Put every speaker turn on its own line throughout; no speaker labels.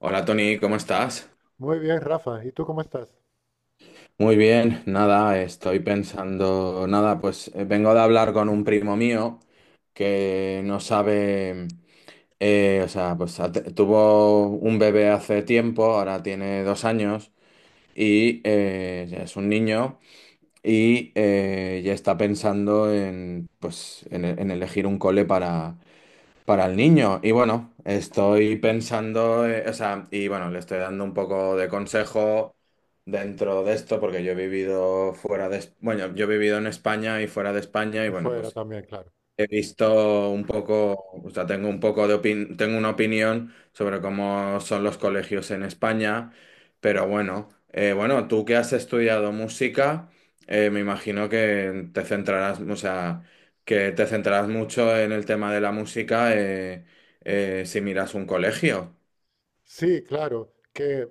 Hola Tony, ¿cómo estás?
Muy bien, Rafa. ¿Y tú cómo estás?
Muy bien, nada, estoy pensando, nada, pues vengo de hablar con un primo mío que no sabe, o sea, pues tuvo un bebé hace tiempo, ahora tiene dos años y ya es un niño y ya está pensando en, pues, en elegir un cole para el niño. Y bueno, estoy pensando, o sea, y bueno, le estoy dando un poco de consejo dentro de esto, porque yo he vivido bueno, yo he vivido en España y fuera de España, y
Y
bueno,
fuera
pues
también, claro.
he visto un poco. O sea, tengo un poco de opin- tengo una opinión sobre cómo son los colegios en España, pero bueno, bueno, tú que has estudiado música, me imagino que te centrarás, o sea, que te centrarás mucho en el tema de la música, si miras un colegio.
Sí, claro, que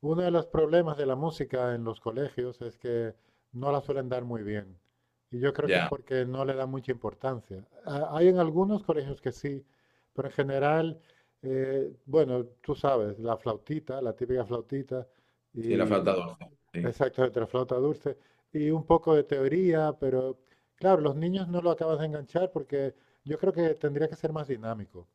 uno de los problemas de la música en los colegios es que no la suelen dar muy bien. Y yo creo que es
Ya,
porque no le dan mucha importancia. Hay en algunos colegios que sí, pero en general, bueno, tú sabes, la flautita, la típica flautita,
sí, la flauta
y
dulce. Sí,
exacto, entre flauta dulce, y un poco de teoría, pero claro, los niños no lo acaban de enganchar porque yo creo que tendría que ser más dinámico.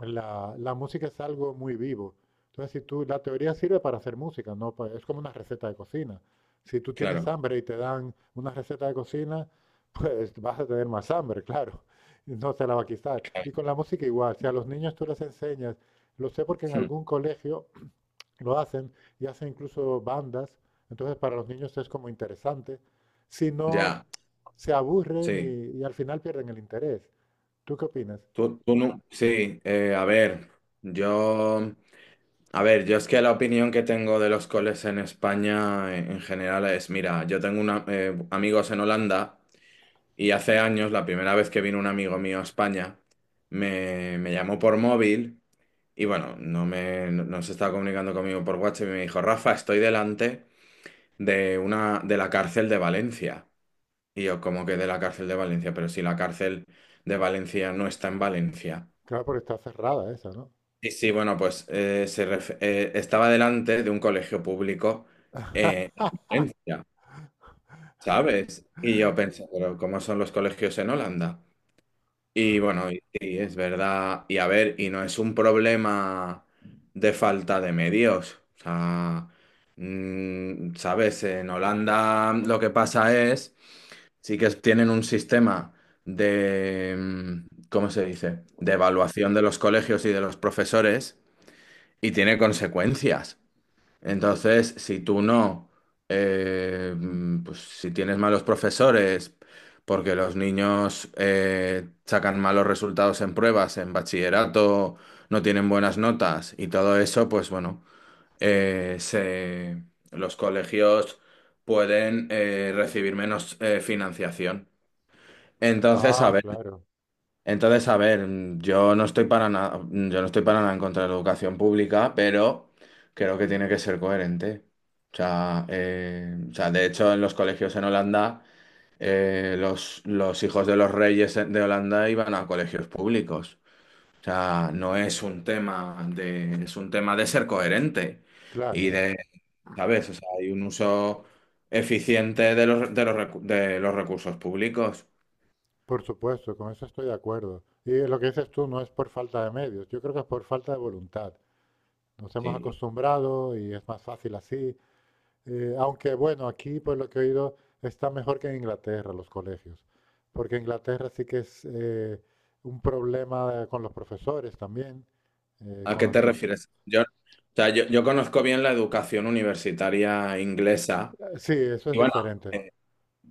La música es algo muy vivo. Entonces, si tú, la teoría sirve para hacer música, no pa- es como una receta de cocina. Si tú tienes
claro.
hambre y te dan una receta de cocina, pues vas a tener más hambre, claro. No se la va a quitar. Y con
Claro.
la música igual, si a los niños tú les enseñas, lo sé porque en
Hmm.
algún colegio lo hacen y hacen incluso bandas, entonces para los niños es como interesante. Si no,
Ya,
se aburren
sí.
y al final pierden el interés. ¿Tú qué opinas?
Tú no, sí, a ver, yo. A ver, yo es que la opinión que tengo de los coles en España, en general, es, mira, yo tengo amigos en Holanda, y hace años, la primera vez que vino un amigo mío a España, me llamó por móvil, y bueno, no, me, no, no se estaba comunicando conmigo por WhatsApp, y me dijo, Rafa, estoy delante de la cárcel de Valencia. Y yo, como que de la cárcel de Valencia? Pero si la cárcel de Valencia no está en Valencia.
Claro, porque está cerrada esa, ¿no?
Sí, sí, bueno, pues estaba delante de un colegio público, en Valencia, ¿sabes? Y yo pensé, pero ¿cómo son los colegios en Holanda? Y bueno, y sí, es verdad. Y a ver, y no es un problema de falta de medios. O sea, mm, ¿sabes? En Holanda lo que pasa es, sí que tienen un sistema de, mm, ¿cómo se dice? De evaluación de los colegios y de los profesores, y tiene consecuencias. Entonces, si tú no, pues si tienes malos profesores, porque los niños sacan malos resultados en pruebas, en bachillerato, no tienen buenas notas y todo eso, pues bueno, eh, se- los colegios pueden, recibir menos, financiación. Entonces, a
Ah,
ver.
claro,
Entonces, a ver, yo no estoy para nada en contra de la educación pública, pero creo que tiene que ser coherente. O sea, de hecho, en los colegios en Holanda, los hijos de los reyes de Holanda iban a colegios públicos. O sea, no es un tema de, es un tema de ser coherente y
claro,
de, ¿sabes? O sea, hay un uso eficiente de de los recursos públicos.
por supuesto, con eso estoy de acuerdo. Y lo que dices tú no es por falta de medios, yo creo que es por falta de voluntad. Nos hemos
Sí,
acostumbrado y es más fácil así. Aunque bueno, aquí por lo que he oído está mejor que en Inglaterra los colegios, porque Inglaterra sí que es un problema con los profesores también,
¿a
con
qué
los
te
resultados.
refieres? Yo, o sea, yo conozco bien la educación universitaria inglesa.
Sí, eso es
Y bueno,
diferente.
eh,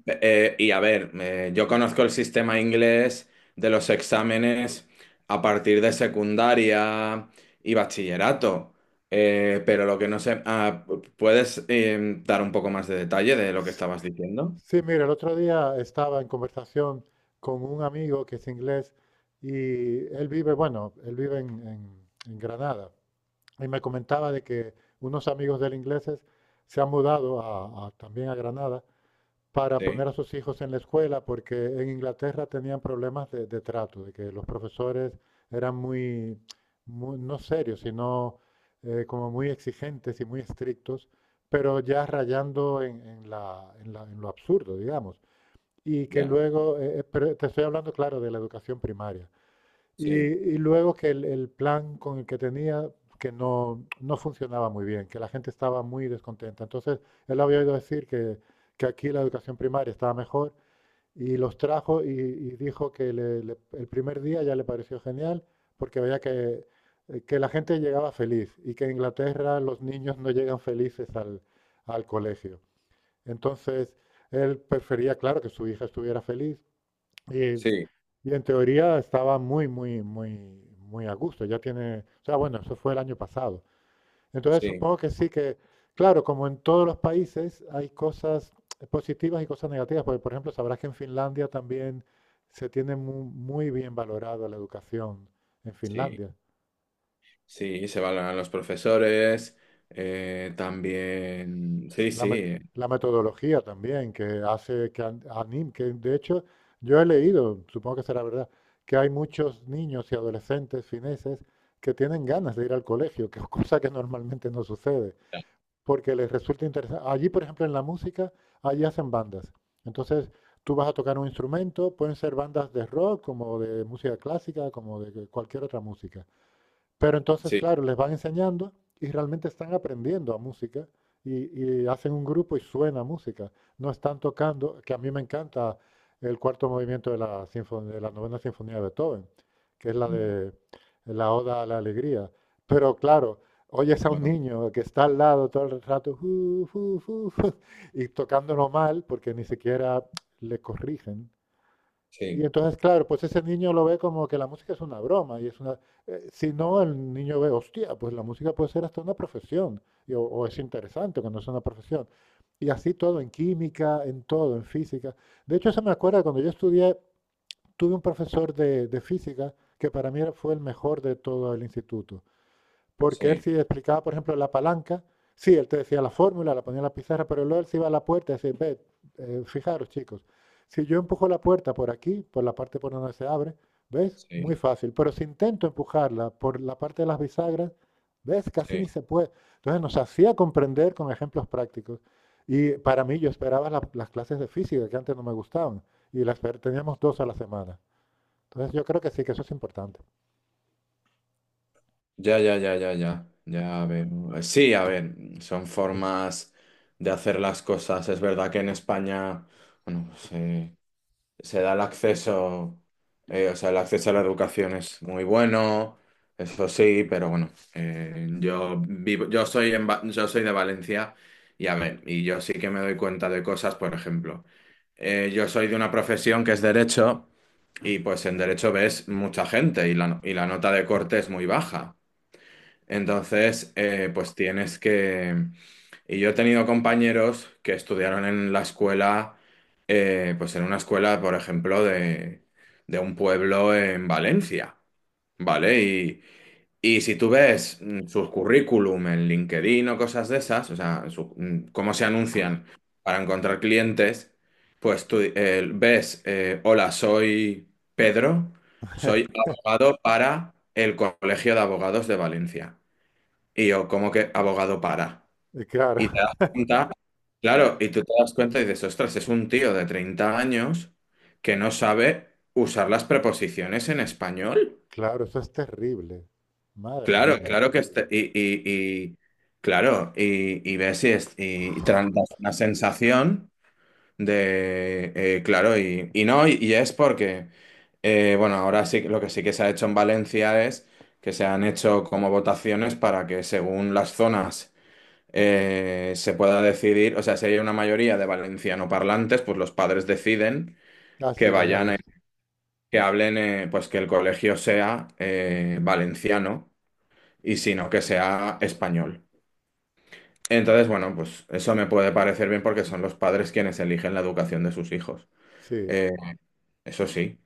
y a ver, yo conozco el sistema inglés de los exámenes a partir de secundaria y bachillerato. Pero lo que no sé, ah, ¿puedes, dar un poco más de detalle de lo que estabas diciendo?
Sí, mira, el otro día estaba en conversación con un amigo que es inglés y él vive, bueno, él vive en Granada y me comentaba de que unos amigos de él ingleses se han mudado también a Granada para
Sí,
poner a sus hijos en la escuela, porque en Inglaterra tenían problemas de trato, de que los profesores eran muy, no serios, sino como muy exigentes y muy estrictos, pero ya rayando en lo absurdo, digamos. Y que
ya,
luego, pero te estoy hablando, claro, de la educación primaria.
sí,
Y luego que el plan con el que tenía, que no, no funcionaba muy bien, que la gente estaba muy descontenta. Entonces, él había oído decir que aquí la educación primaria estaba mejor y los trajo y dijo que el primer día ya le pareció genial porque veía que la gente llegaba feliz y que en Inglaterra los niños no llegan felices al, al colegio. Entonces, él prefería, claro, que su hija estuviera feliz y,
sí,
y en teoría estaba muy, muy, muy, muy a gusto. Ya tiene, o sea, bueno, eso fue el año pasado. Entonces
sí,
supongo que sí que, claro, como en todos los países hay cosas positivas y cosas negativas, porque por ejemplo sabrás que en Finlandia también se tiene muy, bien valorada la educación en
sí.
Finlandia.
Sí, se valoran los profesores, también... Sí,
La,
sí,
met- la metodología también, que hace que que de hecho yo he leído, supongo que será verdad, que hay muchos niños y adolescentes fineses que tienen ganas de ir al colegio, que es cosa que normalmente no sucede, porque les resulta interesante. Allí, por ejemplo, en la música, allí hacen bandas. Entonces, tú vas a tocar un instrumento, pueden ser bandas de rock, como de música clásica, como de cualquier otra música. Pero entonces,
sí.
claro, les van enseñando y realmente están aprendiendo a música y hacen un grupo y suena música. No están tocando, que a mí me encanta el cuarto movimiento de de la novena sinfonía de Beethoven, que es la de la Oda a la Alegría. Pero claro, oyes a
Hola,
un
con-
niño que está al lado todo el rato "Fu, fu, fu, y tocándolo mal porque ni siquiera le corrigen. Y
sí,
entonces, claro, pues ese niño lo ve como que la música es una broma y es una... si no, el niño ve, hostia, pues la música puede ser hasta una profesión, y o es interesante cuando es una profesión. Y así todo, en química, en todo, en física. De hecho, eso me acuerda cuando yo estudié, tuve un profesor de física que para mí fue el mejor de todo el instituto. Porque él
sí,
sí explicaba, por ejemplo, la palanca. Sí, él te decía la fórmula, la ponía en la pizarra, pero luego él se iba a la puerta y decía, ve, fijaros chicos, si yo empujo la puerta por aquí, por la parte por donde se abre, ¿ves?
sí,
Muy fácil. Pero si intento empujarla por la parte de las bisagras, ¿ves? Casi
sí.
ni se puede. Entonces nos hacía comprender con ejemplos prácticos. Y para mí yo esperaba las clases de física, que antes no me gustaban, y las teníamos dos a la semana. Entonces yo creo que sí, que eso es importante.
Ya. Ya veo. Sí, a ver, son formas de hacer las cosas. Es verdad que en España, bueno, pues, se da el acceso, o sea, el acceso a la educación es muy bueno, eso sí, pero bueno, yo soy de Valencia. Y a ver, y yo sí que me doy cuenta de cosas, por ejemplo, yo soy de una profesión que es derecho, y pues en derecho ves mucha gente, y y la nota de corte es muy baja. Entonces, pues tienes que y yo he tenido compañeros que estudiaron en la escuela, pues en una escuela, por ejemplo, de un pueblo en Valencia, ¿vale? Y si tú ves, mm, sus currículum en LinkedIn o cosas de esas, o sea, cómo se anuncian para encontrar clientes, pues tú, ves, hola, soy Pedro, soy abogado para el Colegio de Abogados de Valencia. Y yo, ¿cómo que abogado para?
Y
Y te
claro,
das cuenta, claro, y tú te das cuenta y dices, ostras, es un tío de 30 años que no sabe usar las preposiciones en español.
claro, eso es terrible. Madre
Claro,
mía.
claro que este- y- claro, y, y te dan una sensación de, claro, y no, y es porque, bueno, ahora sí, lo que sí que se ha hecho en Valencia es que se han hecho como votaciones para que, según las zonas, se pueda decidir. O sea, si hay una mayoría de valenciano parlantes, pues los padres deciden
Ah,
que
sí, lo había
vayan,
visto.
que hablen, pues que el colegio sea, valenciano, y si no, que sea español. Entonces, bueno, pues eso me puede parecer bien porque son los padres quienes eligen la educación de sus hijos.
Sí,
Eh, Eso sí.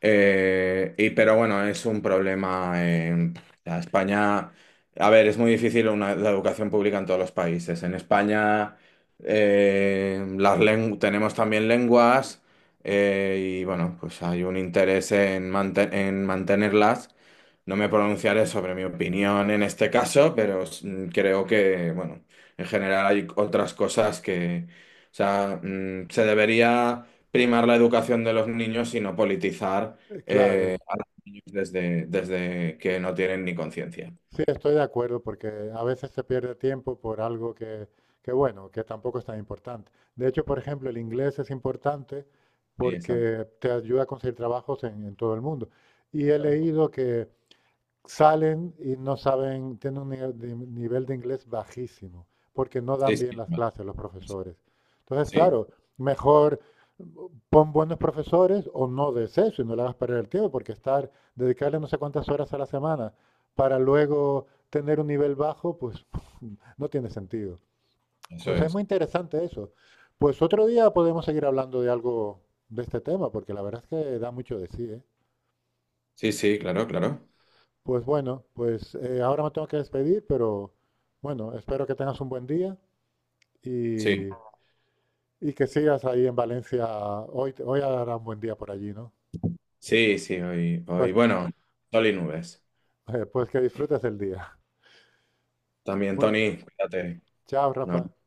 Y pero bueno, es un problema en la España. A ver, es muy difícil la educación pública en todos los países. En España, tenemos también lenguas, y bueno, pues hay un interés en, en mantenerlas. No me pronunciaré sobre mi opinión en este caso, pero mm, creo que, bueno, en general hay otras cosas que, o sea, mm, se debería primar la educación de los niños y no politizar,
claro.
a los niños desde, desde que no tienen ni conciencia.
Sí, estoy de acuerdo porque a veces se pierde tiempo por algo que, bueno, que tampoco es tan importante. De hecho, por ejemplo, el inglés es importante
Sí, exacto.
porque te ayuda a conseguir trabajos en todo el mundo. Y he
Claro.
leído que salen y no saben, tienen un nivel de inglés bajísimo, porque no
Sí,
dan
sí,
bien las
vale.
clases los profesores. Entonces,
Sí,
claro, mejor pon buenos profesores o no des eso y no le hagas perder el tiempo, porque estar, dedicarle no sé cuántas horas a la semana para luego tener un nivel bajo, pues no tiene sentido.
eso
Pues es
es.
muy interesante eso. Pues otro día podemos seguir hablando de algo de este tema, porque la verdad es que da mucho de sí, ¿eh?
Sí, sí, claro, claro.
Pues bueno, pues ahora me tengo que despedir, pero bueno, espero que tengas un buen día
Sí,
y, y que sigas ahí en Valencia. Hoy, hoy hará un buen día por allí, ¿no?
sí, sí, hoy,
Pues,
hoy, bueno, sol y nubes.
pues que disfrutes el día.
También,
Bueno,
Tony, cuídate.
chao,
Un
Rafa.
abrazo.